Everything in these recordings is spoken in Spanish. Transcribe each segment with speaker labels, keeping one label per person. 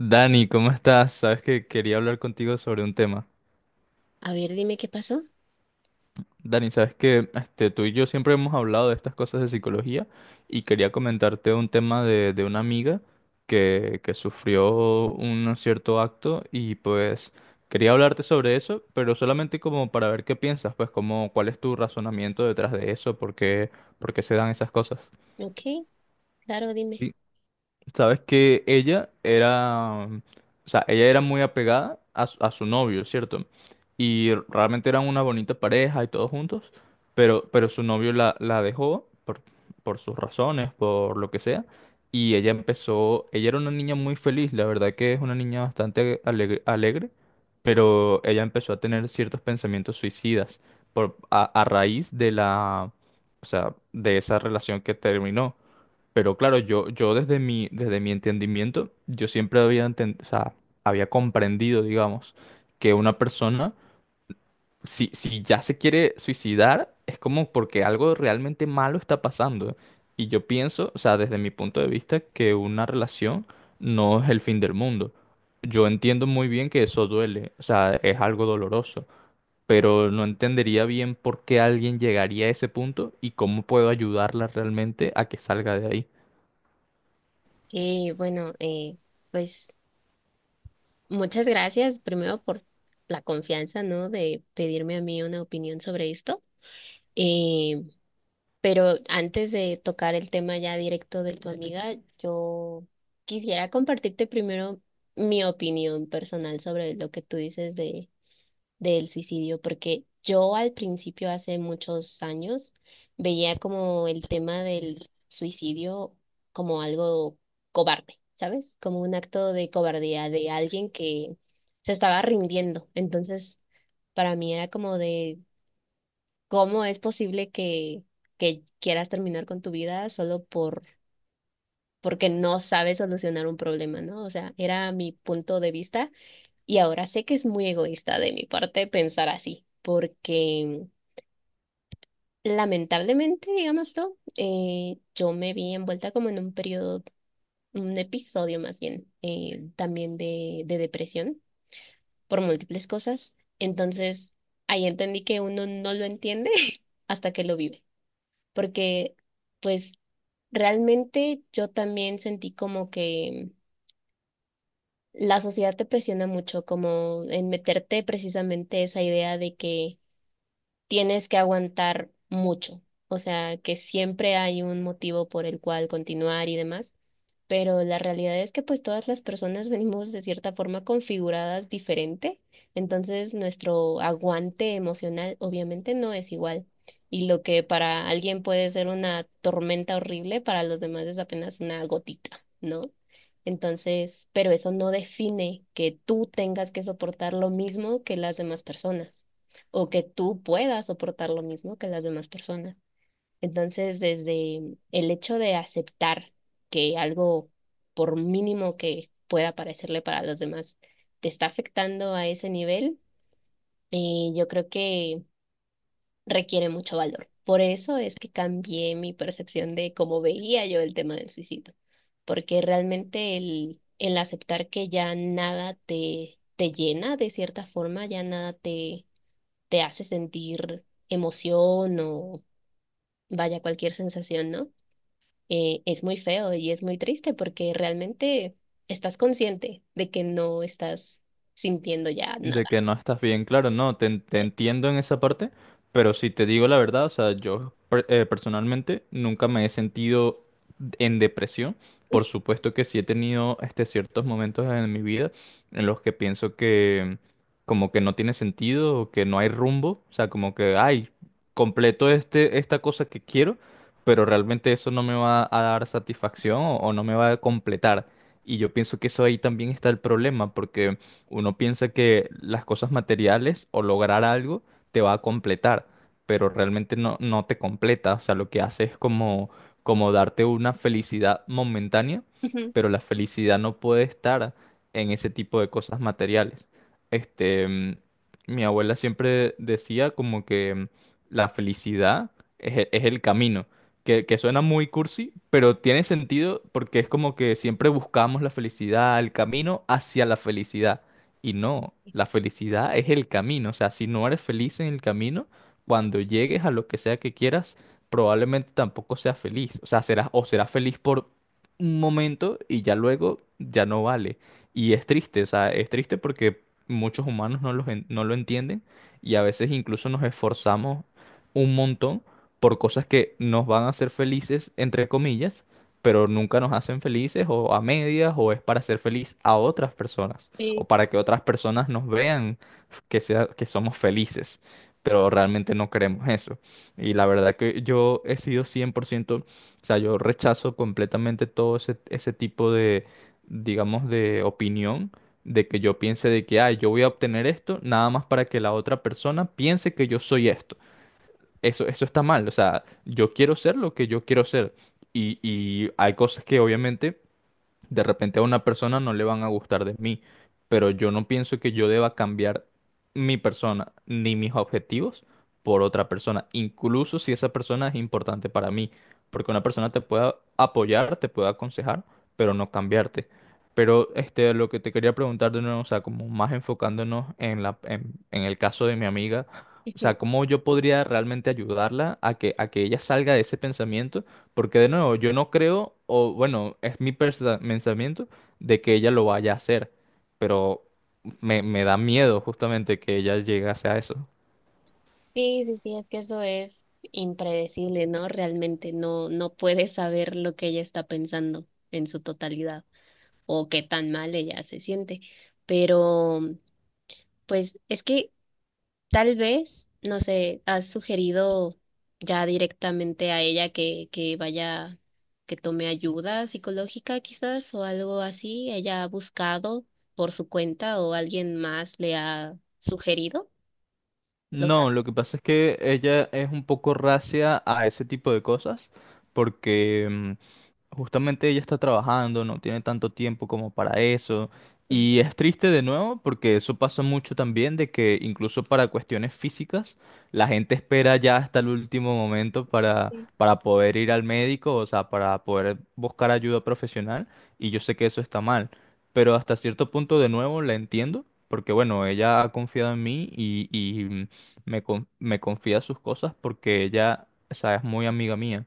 Speaker 1: Dani, ¿cómo estás? Sabes que quería hablar contigo sobre un tema.
Speaker 2: A ver, dime qué pasó.
Speaker 1: Dani, sabes que este, tú y yo siempre hemos hablado de estas cosas de psicología y quería comentarte un tema de una amiga que sufrió un cierto acto y pues quería hablarte sobre eso, pero solamente como para ver qué piensas, pues como cuál es tu razonamiento detrás de eso, por qué se dan esas cosas.
Speaker 2: Ok, claro, dime.
Speaker 1: Sabes que ella era, o sea, ella era muy apegada a su novio, ¿cierto? Y realmente eran una bonita pareja y todos juntos, pero su novio la dejó por sus razones, por lo que sea, y ella empezó, ella era una niña muy feliz, la verdad que es una niña bastante alegre, alegre, pero ella empezó a tener ciertos pensamientos suicidas por, a raíz de la, o sea, de esa relación que terminó. Pero claro, yo desde mi entendimiento, yo siempre había, o sea, había comprendido, digamos, que una persona, si ya se quiere suicidar, es como porque algo realmente malo está pasando. Y yo pienso, o sea, desde mi punto de vista, que una relación no es el fin del mundo. Yo entiendo muy bien que eso duele, o sea, es algo doloroso, pero no entendería bien por qué alguien llegaría a ese punto y cómo puedo ayudarla realmente a que salga de ahí.
Speaker 2: Eh, bueno, eh, pues muchas gracias primero por la confianza, ¿no? De pedirme a mí una opinión sobre esto. Eh, pero antes de tocar el tema ya directo de tu amiga, yo quisiera compartirte primero mi opinión personal sobre lo que tú dices del suicidio, porque yo al principio, hace muchos años, veía como el tema del suicidio como algo cobarde, ¿sabes? Como un acto de cobardía de alguien que se estaba rindiendo. Entonces, para mí era como de cómo es posible que quieras terminar con tu vida solo por... porque no sabes solucionar un problema, ¿no? O sea, era mi punto de vista y ahora sé que es muy egoísta de mi parte pensar así, porque lamentablemente, digámoslo, yo me vi envuelta como en un periodo, un episodio más bien, también de depresión por múltiples cosas. Entonces, ahí entendí que uno no lo entiende hasta que lo vive, porque pues realmente yo también sentí como que la sociedad te presiona mucho, como en meterte precisamente esa idea de que tienes que aguantar mucho, o sea, que siempre hay un motivo por el cual continuar y demás, pero la realidad es que pues todas las personas venimos de cierta forma configuradas diferente, entonces nuestro aguante emocional obviamente no es igual. Y lo que para alguien puede ser una tormenta horrible, para los demás es apenas una gotita, ¿no? Entonces, pero eso no define que tú tengas que soportar lo mismo que las demás personas o que tú puedas soportar lo mismo que las demás personas. Entonces, desde el hecho de aceptar que algo, por mínimo que pueda parecerle para los demás, te está afectando a ese nivel, yo creo que requiere mucho valor. Por eso es que cambié mi percepción de cómo veía yo el tema del suicidio, porque realmente el aceptar que ya nada te llena de cierta forma, ya nada te hace sentir emoción o vaya cualquier sensación, ¿no? Es muy feo y es muy triste porque realmente estás consciente de que no estás sintiendo ya
Speaker 1: De
Speaker 2: nada.
Speaker 1: que no estás bien, claro, no, te entiendo en esa parte, pero si te digo la verdad, o sea, personalmente nunca me he sentido en depresión. Por supuesto que sí he tenido este, ciertos momentos en mi vida en los que pienso que como que no tiene sentido o que no hay rumbo, o sea, como que, ay, completo este, esta cosa que quiero, pero realmente eso no me va a dar satisfacción o no me va a completar. Y yo pienso que eso ahí también está el problema, porque uno piensa que las cosas materiales o lograr algo te va a completar, pero realmente no, no te completa. O sea, lo que hace es como darte una felicidad momentánea,
Speaker 2: Ujú.
Speaker 1: pero la felicidad no puede estar en ese tipo de cosas materiales. Este, mm, mi abuela siempre decía como que la felicidad es, es el camino. Que suena muy cursi, pero tiene sentido porque es como que siempre buscamos la felicidad, el camino hacia la felicidad. Y no, la felicidad es el camino. O sea, si no eres feliz en el camino, cuando llegues a lo que sea que quieras, probablemente tampoco seas feliz. O sea, serás feliz por un momento y ya luego ya no vale. Y es triste, o sea, es triste porque muchos humanos no lo entienden y a veces incluso nos esforzamos un montón por cosas que nos van a hacer felices, entre comillas, pero nunca nos hacen felices o a medias o es para hacer feliz a otras personas
Speaker 2: Sí,
Speaker 1: o para que otras personas nos vean que sea, que somos felices, pero realmente no queremos eso. Y la verdad que yo he sido cien por ciento, o sea, yo rechazo completamente todo ese tipo de, digamos, de opinión, de que yo piense de que, ah, yo voy a obtener esto nada más para que la otra persona piense que yo soy esto. Eso está mal, o sea, yo quiero ser lo que yo quiero ser. Y hay cosas que obviamente de repente a una persona no le van a gustar de mí, pero yo no pienso que yo deba cambiar mi persona ni mis objetivos por otra persona, incluso si esa persona es importante para mí, porque una persona te puede apoyar, te puede aconsejar, pero no cambiarte. Pero este, lo que te quería preguntar de nuevo, o sea, como más enfocándonos en la, en el caso de mi amiga, o sea,
Speaker 2: ujú.
Speaker 1: ¿cómo yo podría realmente ayudarla a que ella salga de ese pensamiento? Porque de nuevo, yo no creo, o bueno, es mi pensamiento de que ella lo vaya a hacer, pero me da miedo justamente que ella llegase a eso.
Speaker 2: Sí, sí, sí, sí, es que eso es impredecible, ¿no? Realmente no puedes saber lo que ella está pensando en su totalidad o qué tan mal ella se siente. Pero, pues, es que tal vez, no sé, has sugerido ya directamente a ella que vaya, que tome ayuda psicológica quizás o algo así. ¿Ella ha buscado por su cuenta o alguien más le ha sugerido? ¿Lo
Speaker 1: No,
Speaker 2: sabes?
Speaker 1: lo que pasa es que ella es un poco racia a ese tipo de cosas, porque justamente ella está trabajando, no tiene tanto tiempo como para eso. Y es triste de nuevo porque eso pasa mucho también de que incluso para cuestiones físicas la gente espera ya hasta el último momento
Speaker 2: Sí.
Speaker 1: para poder ir al médico, o sea, para poder buscar ayuda profesional. Y yo sé que eso está mal, pero hasta cierto punto de nuevo la entiendo porque bueno, ella ha confiado en mí y me confía sus cosas porque ella, o sea, es muy amiga mía,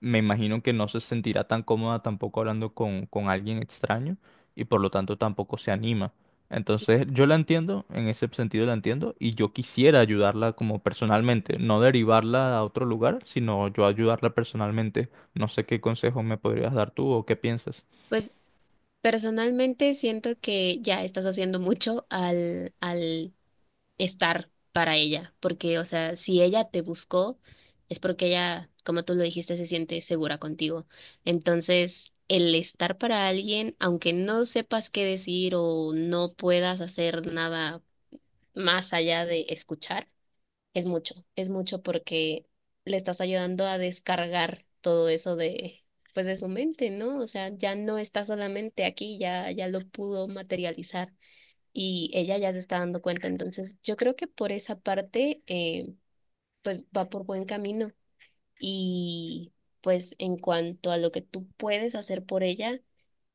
Speaker 1: me imagino que no se sentirá tan cómoda tampoco hablando con alguien extraño y por lo tanto tampoco se anima. Entonces yo la entiendo, en ese sentido la entiendo y yo quisiera ayudarla como personalmente, no derivarla a otro lugar, sino yo ayudarla personalmente. No sé qué consejo me podrías dar tú o qué piensas.
Speaker 2: Pues personalmente siento que ya estás haciendo mucho al estar para ella, porque, o sea, si ella te buscó, es porque ella, como tú lo dijiste, se siente segura contigo. Entonces, el estar para alguien, aunque no sepas qué decir o no puedas hacer nada más allá de escuchar, es mucho porque le estás ayudando a descargar todo eso de, pues de su mente, ¿no? O sea, ya no está solamente aquí, ya, ya lo pudo materializar y ella ya se está dando cuenta. Entonces, yo creo que por esa parte, pues va por buen camino. Y pues en cuanto a lo que tú puedes hacer por ella,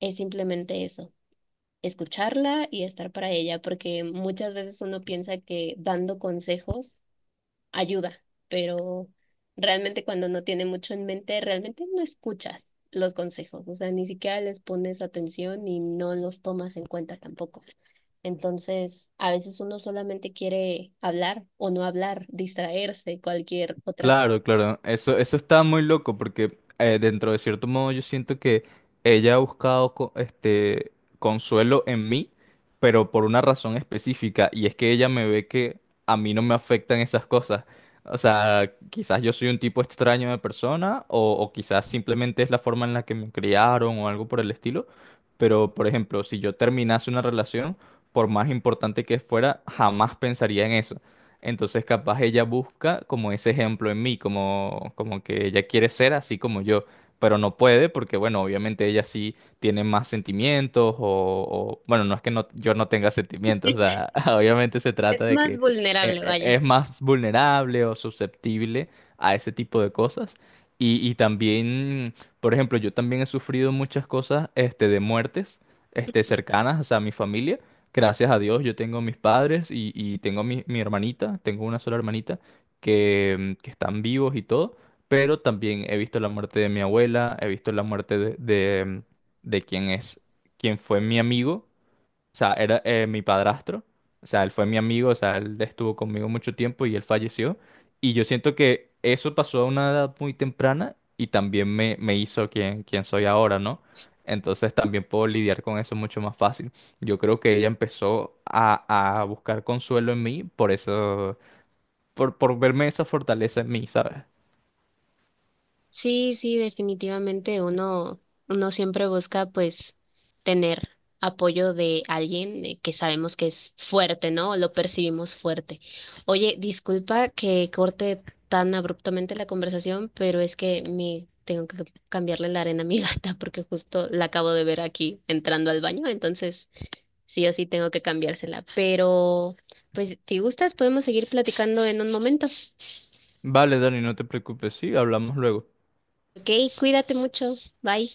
Speaker 2: es simplemente eso, escucharla y estar para ella, porque muchas veces uno piensa que dando consejos ayuda, pero realmente cuando no tiene mucho en mente, realmente no escuchas los consejos, o sea, ni siquiera les pones atención y no los tomas en cuenta tampoco. Entonces, a veces uno solamente quiere hablar o no hablar, distraerse, cualquier otra.
Speaker 1: Claro, claro. Eso está muy loco porque dentro de cierto modo yo siento que ella ha buscado consuelo en mí, pero por una razón específica y es que ella me ve que a mí no me afectan esas cosas. O sea, quizás yo soy un tipo extraño de persona o quizás simplemente es la forma en la que me criaron o algo por el estilo, pero, por ejemplo, si yo terminase una relación, por más importante que fuera, jamás pensaría en eso. Entonces, capaz ella busca como ese ejemplo en mí, como que ella quiere ser así como yo, pero no puede porque, bueno, obviamente ella sí tiene más sentimientos o- bueno, no es que no, yo no tenga sentimientos, o sea, obviamente se
Speaker 2: Es
Speaker 1: trata de
Speaker 2: más
Speaker 1: que
Speaker 2: vulnerable, vaya.
Speaker 1: es más vulnerable o susceptible a ese tipo de cosas. Y también, por ejemplo, yo también he sufrido muchas cosas, este, de muertes, este, cercanas, o sea, a mi familia. Gracias a Dios, yo tengo mis padres y tengo mi hermanita, tengo una sola hermanita que están vivos y todo, pero también he visto la muerte de mi abuela, he visto la muerte de quien es, quien fue mi amigo, o sea, era mi padrastro, o sea, él fue mi amigo, o sea, él estuvo conmigo mucho tiempo y él falleció. Y yo siento que eso pasó a una edad muy temprana y también me hizo quien, quien soy ahora, ¿no? Entonces también puedo lidiar con eso mucho más fácil. Yo creo que ella empezó a buscar consuelo en mí por eso, por verme esa fortaleza en mí, ¿sabes?
Speaker 2: Sí, sí, definitivamente uno, uno siempre busca pues tener apoyo de alguien que sabemos que es fuerte, ¿no? O lo percibimos fuerte. Oye, disculpa que corte tan abruptamente la conversación, pero es que me tengo que cambiarle la arena a mi gata porque justo la acabo de ver aquí entrando al baño, entonces sí o sí tengo que cambiársela. Pero, pues, si gustas, podemos seguir platicando en un momento.
Speaker 1: Vale, Dani, no te preocupes, sí, hablamos luego.
Speaker 2: Ok, cuídate mucho. Bye.